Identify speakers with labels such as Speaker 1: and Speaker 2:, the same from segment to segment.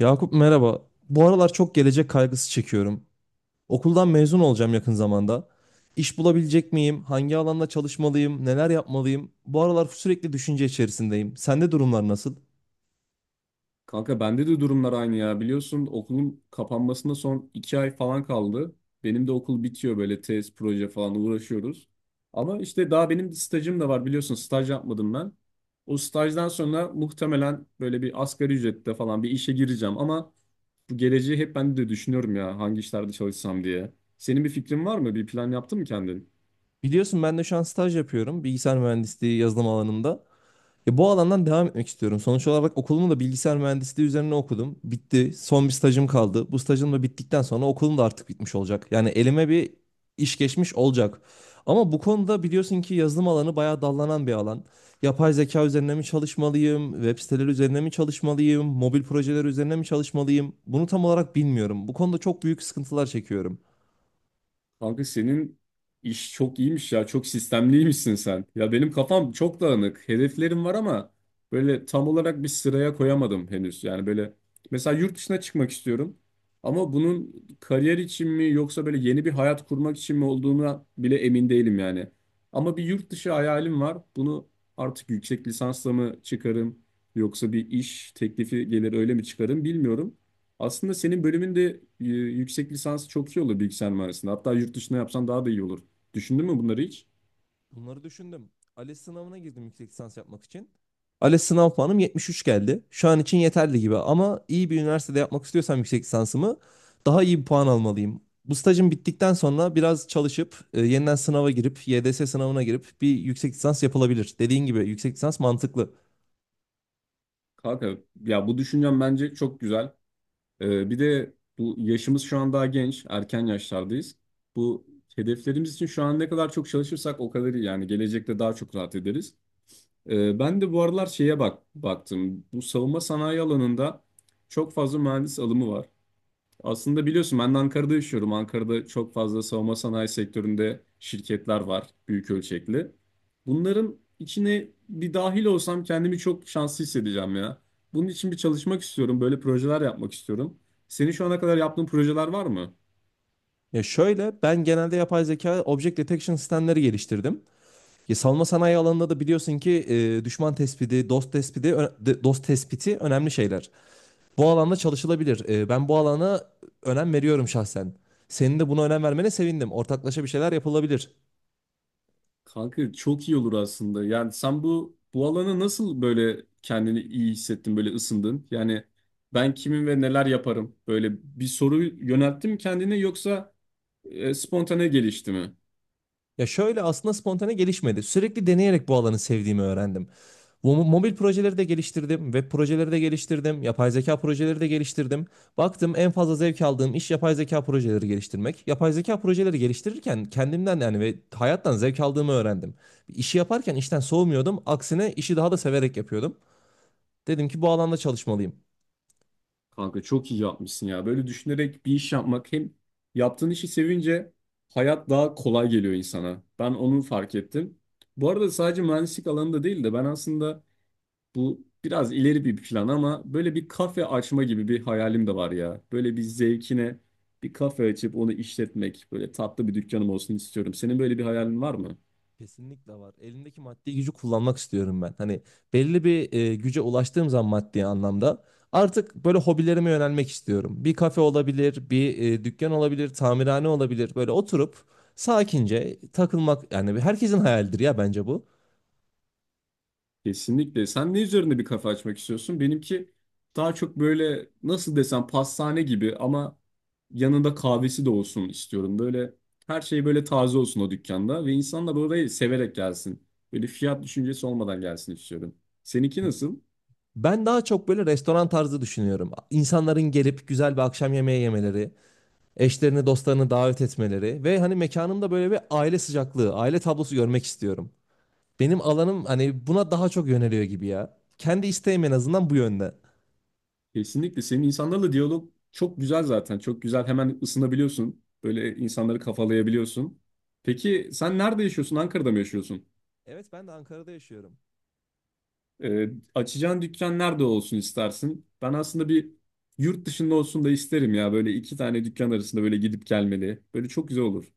Speaker 1: Yakup merhaba. Bu aralar çok gelecek kaygısı çekiyorum. Okuldan mezun olacağım yakın zamanda. İş bulabilecek miyim? Hangi alanda çalışmalıyım? Neler yapmalıyım? Bu aralar sürekli düşünce içerisindeyim. Sende durumlar nasıl?
Speaker 2: Kanka bende de durumlar aynı ya. Biliyorsun okulun kapanmasına son iki ay falan kaldı. Benim de okul bitiyor böyle tez, proje falan uğraşıyoruz. Ama işte daha benim stajım da var biliyorsun staj yapmadım ben. O stajdan sonra muhtemelen böyle bir asgari ücrette falan bir işe gireceğim. Ama bu geleceği hep ben de düşünüyorum ya hangi işlerde çalışsam diye. Senin bir fikrin var mı? Bir plan yaptın mı kendin?
Speaker 1: Biliyorsun ben de şu an staj yapıyorum. Bilgisayar mühendisliği yazılım alanında. Ya bu alandan devam etmek istiyorum. Sonuç olarak okulumu da bilgisayar mühendisliği üzerine okudum. Bitti. Son bir stajım kaldı. Bu stajım da bittikten sonra okulum da artık bitmiş olacak. Yani elime bir iş geçmiş olacak. Ama bu konuda biliyorsun ki yazılım alanı bayağı dallanan bir alan. Yapay zeka üzerine mi çalışmalıyım? Web siteleri üzerine mi çalışmalıyım? Mobil projeler üzerine mi çalışmalıyım? Bunu tam olarak bilmiyorum. Bu konuda çok büyük sıkıntılar çekiyorum.
Speaker 2: Kanka senin iş çok iyiymiş ya. Çok sistemliymişsin sen. Ya benim kafam çok dağınık. Hedeflerim var ama böyle tam olarak bir sıraya koyamadım henüz. Yani böyle mesela yurt dışına çıkmak istiyorum. Ama bunun kariyer için mi yoksa böyle yeni bir hayat kurmak için mi olduğuna bile emin değilim yani. Ama bir yurt dışı hayalim var. Bunu artık yüksek lisansla mı çıkarım yoksa bir iş teklifi gelir öyle mi çıkarım bilmiyorum. Aslında senin bölümünde yüksek lisansı çok iyi olur bilgisayar mühendisliğinde. Hatta yurt dışına yapsan daha da iyi olur. Düşündün mü bunları hiç?
Speaker 1: Bunları düşündüm. ALES sınavına girdim yüksek lisans yapmak için. ALES sınav puanım 73 geldi. Şu an için yeterli gibi ama iyi bir üniversitede yapmak istiyorsam yüksek lisansımı daha iyi bir puan almalıyım. Bu stajım bittikten sonra biraz çalışıp yeniden sınava girip YDS sınavına girip bir yüksek lisans yapılabilir. Dediğin gibi yüksek lisans mantıklı.
Speaker 2: Kanka ya bu düşüncem bence çok güzel. Bir de bu yaşımız şu an daha genç, erken yaşlardayız. Bu hedeflerimiz için şu an ne kadar çok çalışırsak o kadar iyi yani gelecekte daha çok rahat ederiz. Ben de bu aralar şeye bak baktım. Bu savunma sanayi alanında çok fazla mühendis alımı var. Aslında biliyorsun ben de Ankara'da yaşıyorum. Ankara'da çok fazla savunma sanayi sektöründe şirketler var büyük ölçekli. Bunların içine bir dahil olsam kendimi çok şanslı hissedeceğim ya. Bunun için bir çalışmak istiyorum. Böyle projeler yapmak istiyorum. Senin şu ana kadar yaptığın projeler var mı?
Speaker 1: Ya şöyle ben genelde yapay zeka object detection sistemleri geliştirdim. Ya savunma sanayi alanında da biliyorsun ki düşman tespiti, dost tespiti, dost tespiti önemli şeyler. Bu alanda çalışılabilir. Ben bu alana önem veriyorum şahsen. Senin de buna önem vermene sevindim. Ortaklaşa bir şeyler yapılabilir.
Speaker 2: Kanka çok iyi olur aslında. Yani sen bu alana nasıl böyle kendini iyi hissettin, böyle ısındın? Yani ben kimim ve neler yaparım? Böyle bir soru yönelttin mi kendine yoksa spontane gelişti mi?
Speaker 1: Ya şöyle aslında spontane gelişmedi. Sürekli deneyerek bu alanı sevdiğimi öğrendim. Bu mobil projeleri de geliştirdim, web projeleri de geliştirdim, yapay zeka projeleri de geliştirdim. Baktım en fazla zevk aldığım iş yapay zeka projeleri geliştirmek. Yapay zeka projeleri geliştirirken kendimden yani ve hayattan zevk aldığımı öğrendim. İşi yaparken işten soğumuyordum. Aksine işi daha da severek yapıyordum. Dedim ki bu alanda çalışmalıyım.
Speaker 2: Kanka çok iyi yapmışsın ya. Böyle düşünerek bir iş yapmak hem yaptığın işi sevince hayat daha kolay geliyor insana. Ben onu fark ettim. Bu arada sadece mühendislik alanında değil de ben aslında bu biraz ileri bir plan ama böyle bir kafe açma gibi bir hayalim de var ya. Böyle bir zevkine bir kafe açıp onu işletmek, böyle tatlı bir dükkanım olsun istiyorum. Senin böyle bir hayalin var mı?
Speaker 1: Kesinlikle var. Elimdeki maddi gücü kullanmak istiyorum ben. Hani belli bir güce ulaştığım zaman maddi anlamda artık böyle hobilerime yönelmek istiyorum. Bir kafe olabilir, bir dükkan olabilir, tamirhane olabilir. Böyle oturup sakince takılmak yani herkesin hayalidir ya bence bu.
Speaker 2: Kesinlikle. Sen ne üzerinde bir kafa açmak istiyorsun? Benimki daha çok böyle nasıl desem pastane gibi ama yanında kahvesi de olsun istiyorum. Böyle her şey böyle taze olsun o dükkanda ve insanlar orayı severek gelsin. Böyle fiyat düşüncesi olmadan gelsin istiyorum. Seninki nasıl?
Speaker 1: Ben daha çok böyle restoran tarzı düşünüyorum. İnsanların gelip güzel bir akşam yemeği yemeleri, eşlerini, dostlarını davet etmeleri ve hani mekanımda böyle bir aile sıcaklığı, aile tablosu görmek istiyorum. Benim alanım hani buna daha çok yöneliyor gibi ya. Kendi isteğim en azından bu yönde.
Speaker 2: Kesinlikle. Senin insanlarla diyalog çok güzel zaten. Çok güzel. Hemen ısınabiliyorsun. Böyle insanları kafalayabiliyorsun. Peki sen nerede yaşıyorsun? Ankara'da mı yaşıyorsun?
Speaker 1: Evet, ben de Ankara'da yaşıyorum.
Speaker 2: Ee, Açacağın dükkan nerede olsun istersin? Ben aslında bir yurt dışında olsun da isterim ya. Böyle iki tane dükkan arasında böyle gidip gelmeli. Böyle çok güzel olur.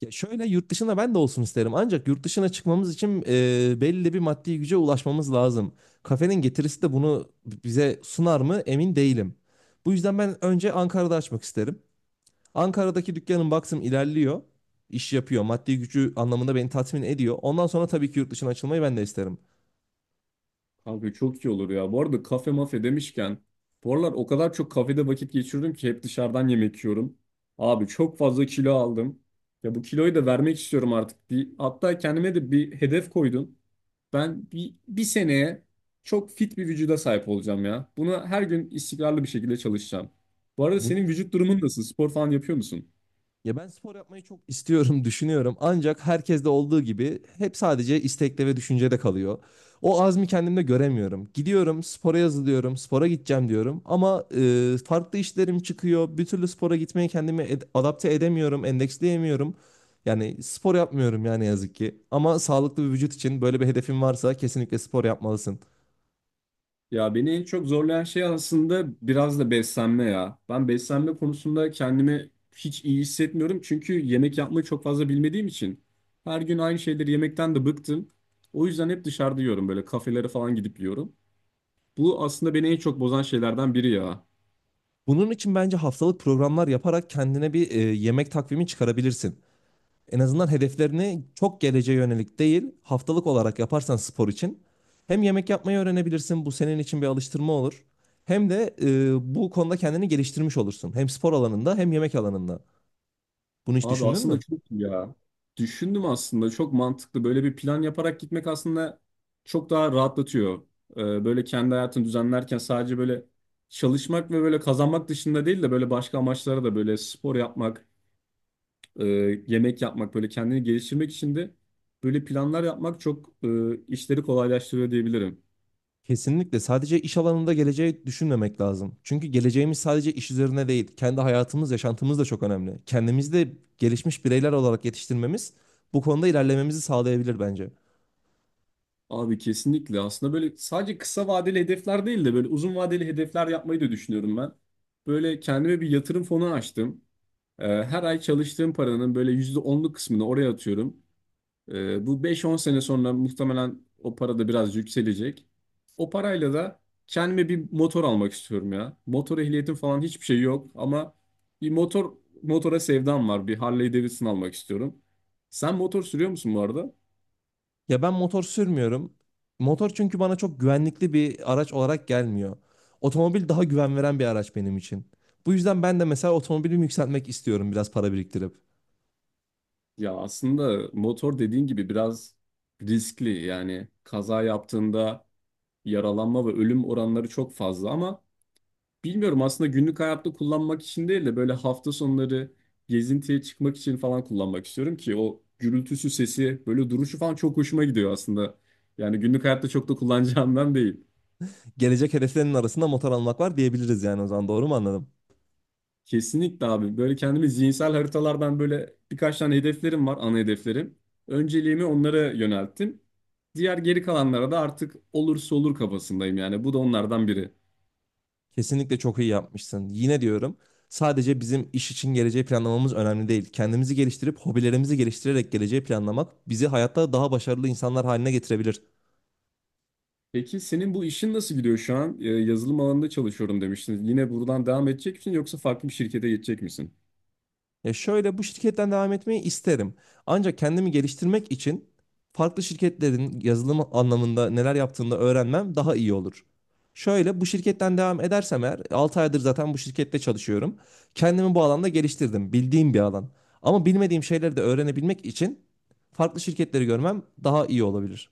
Speaker 1: Ya şöyle yurt dışında ben de olsun isterim. Ancak yurt dışına çıkmamız için belli bir maddi güce ulaşmamız lazım. Kafenin getirisi de bunu bize sunar mı emin değilim. Bu yüzden ben önce Ankara'da açmak isterim. Ankara'daki dükkanım baktım ilerliyor. İş yapıyor. Maddi gücü anlamında beni tatmin ediyor. Ondan sonra tabii ki yurt dışına açılmayı ben de isterim.
Speaker 2: Kanka çok iyi olur ya. Bu arada kafe mafe demişken bu aralar o kadar çok kafede vakit geçirdim ki hep dışarıdan yemek yiyorum. Abi çok fazla kilo aldım. Ya bu kiloyu da vermek istiyorum artık. Hatta kendime de bir hedef koydum. Ben bir seneye çok fit bir vücuda sahip olacağım ya. Buna her gün istikrarlı bir şekilde çalışacağım. Bu arada senin
Speaker 1: Bunun
Speaker 2: vücut durumun nasıl? Spor falan yapıyor musun?
Speaker 1: Ya ben spor yapmayı çok istiyorum, düşünüyorum. Ancak herkeste olduğu gibi hep sadece istekte ve düşüncede kalıyor. O azmi kendimde göremiyorum. Gidiyorum, spora yazılıyorum, spora gideceğim diyorum. Ama farklı işlerim çıkıyor. Bir türlü spora gitmeye kendimi adapte edemiyorum, endeksleyemiyorum. Yani spor yapmıyorum yani ne yazık ki. Ama sağlıklı bir vücut için böyle bir hedefin varsa kesinlikle spor yapmalısın.
Speaker 2: Ya beni en çok zorlayan şey aslında biraz da beslenme ya. Ben beslenme konusunda kendimi hiç iyi hissetmiyorum. Çünkü yemek yapmayı çok fazla bilmediğim için. Her gün aynı şeyleri yemekten de bıktım. O yüzden hep dışarıda yiyorum böyle kafelere falan gidip yiyorum. Bu aslında beni en çok bozan şeylerden biri ya.
Speaker 1: Bunun için bence haftalık programlar yaparak kendine bir yemek takvimi çıkarabilirsin. En azından hedeflerini çok geleceğe yönelik değil, haftalık olarak yaparsan spor için hem yemek yapmayı öğrenebilirsin, bu senin için bir alıştırma olur. Hem de bu konuda kendini geliştirmiş olursun. Hem spor alanında hem yemek alanında. Bunu hiç
Speaker 2: Abi
Speaker 1: düşündün
Speaker 2: aslında
Speaker 1: mü?
Speaker 2: çok iyi ya. Düşündüm aslında çok mantıklı. Böyle bir plan yaparak gitmek aslında çok daha rahatlatıyor. Böyle kendi hayatını düzenlerken sadece böyle çalışmak ve böyle kazanmak dışında değil de böyle başka amaçlara da böyle spor yapmak, e, yemek yapmak, böyle kendini geliştirmek için de böyle planlar yapmak çok işleri kolaylaştırıyor diyebilirim.
Speaker 1: Kesinlikle sadece iş alanında geleceği düşünmemek lazım. Çünkü geleceğimiz sadece iş üzerine değil, kendi hayatımız, yaşantımız da çok önemli. Kendimizi de gelişmiş bireyler olarak yetiştirmemiz bu konuda ilerlememizi sağlayabilir bence.
Speaker 2: Abi kesinlikle aslında böyle sadece kısa vadeli hedefler değil de böyle uzun vadeli hedefler yapmayı da düşünüyorum ben. Böyle kendime bir yatırım fonu açtım. Her ay çalıştığım paranın böyle %10'luk kısmını oraya atıyorum. Bu beş on sene sonra muhtemelen o para da biraz yükselecek. O parayla da kendime bir motor almak istiyorum ya. Motor ehliyetim falan hiçbir şey yok ama bir motora sevdam var. Bir Harley Davidson almak istiyorum. Sen motor sürüyor musun bu arada?
Speaker 1: Ya ben motor sürmüyorum. Motor çünkü bana çok güvenlikli bir araç olarak gelmiyor. Otomobil daha güven veren bir araç benim için. Bu yüzden ben de mesela otomobilimi yükseltmek istiyorum biraz para biriktirip.
Speaker 2: Ya aslında motor dediğin gibi biraz riskli. Yani kaza yaptığında yaralanma ve ölüm oranları çok fazla ama bilmiyorum aslında günlük hayatta kullanmak için değil de böyle hafta sonları gezintiye çıkmak için falan kullanmak istiyorum ki o gürültüsü sesi böyle duruşu falan çok hoşuma gidiyor aslında. Yani günlük hayatta çok da kullanacağımdan değil.
Speaker 1: Gelecek hedeflerinin arasında motor almak var diyebiliriz yani o zaman, doğru mu anladım?
Speaker 2: Kesinlikle abi böyle kendimi zihinsel haritalardan böyle birkaç tane hedeflerim var ana hedeflerim. Önceliğimi onlara yönelttim. Diğer geri kalanlara da artık olursa olur kafasındayım yani bu da onlardan biri.
Speaker 1: Kesinlikle çok iyi yapmışsın. Yine diyorum sadece bizim iş için geleceği planlamamız önemli değil. Kendimizi geliştirip hobilerimizi geliştirerek geleceği planlamak bizi hayatta daha başarılı insanlar haline getirebilir.
Speaker 2: Peki senin bu işin nasıl gidiyor şu an? Yazılım alanında çalışıyorum demiştin. Yine buradan devam edecek misin yoksa farklı bir şirkete geçecek misin?
Speaker 1: Ya şöyle bu şirketten devam etmeyi isterim. Ancak kendimi geliştirmek için farklı şirketlerin yazılım anlamında neler yaptığını da öğrenmem daha iyi olur. Şöyle bu şirketten devam edersem eğer 6 aydır zaten bu şirkette çalışıyorum. Kendimi bu alanda geliştirdim. Bildiğim bir alan. Ama bilmediğim şeyleri de öğrenebilmek için farklı şirketleri görmem daha iyi olabilir.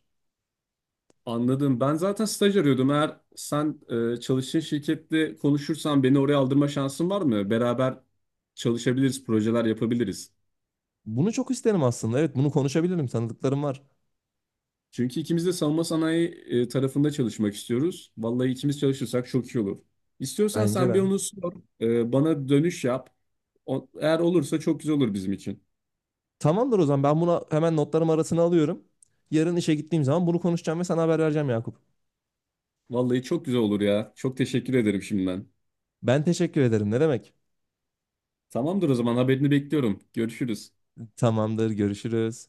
Speaker 2: Anladım. Ben zaten staj arıyordum. Eğer sen çalıştığın şirkette konuşursan beni oraya aldırma şansın var mı? Beraber çalışabiliriz, projeler yapabiliriz.
Speaker 1: Bunu çok isterim aslında. Evet, bunu konuşabilirim. Tanıdıklarım var.
Speaker 2: Çünkü ikimiz de savunma sanayi tarafında çalışmak istiyoruz. Vallahi ikimiz çalışırsak çok iyi olur. İstiyorsan
Speaker 1: Bence
Speaker 2: sen bir
Speaker 1: de.
Speaker 2: onu sor, bana dönüş yap. Eğer olursa çok güzel olur bizim için.
Speaker 1: Tamamdır, o zaman ben bunu hemen notlarım arasına alıyorum. Yarın işe gittiğim zaman bunu konuşacağım ve sana haber vereceğim, Yakup.
Speaker 2: Vallahi çok güzel olur ya. Çok teşekkür ederim şimdiden.
Speaker 1: Ben teşekkür ederim. Ne demek?
Speaker 2: Tamamdır o zaman haberini bekliyorum. Görüşürüz.
Speaker 1: Tamamdır. Görüşürüz.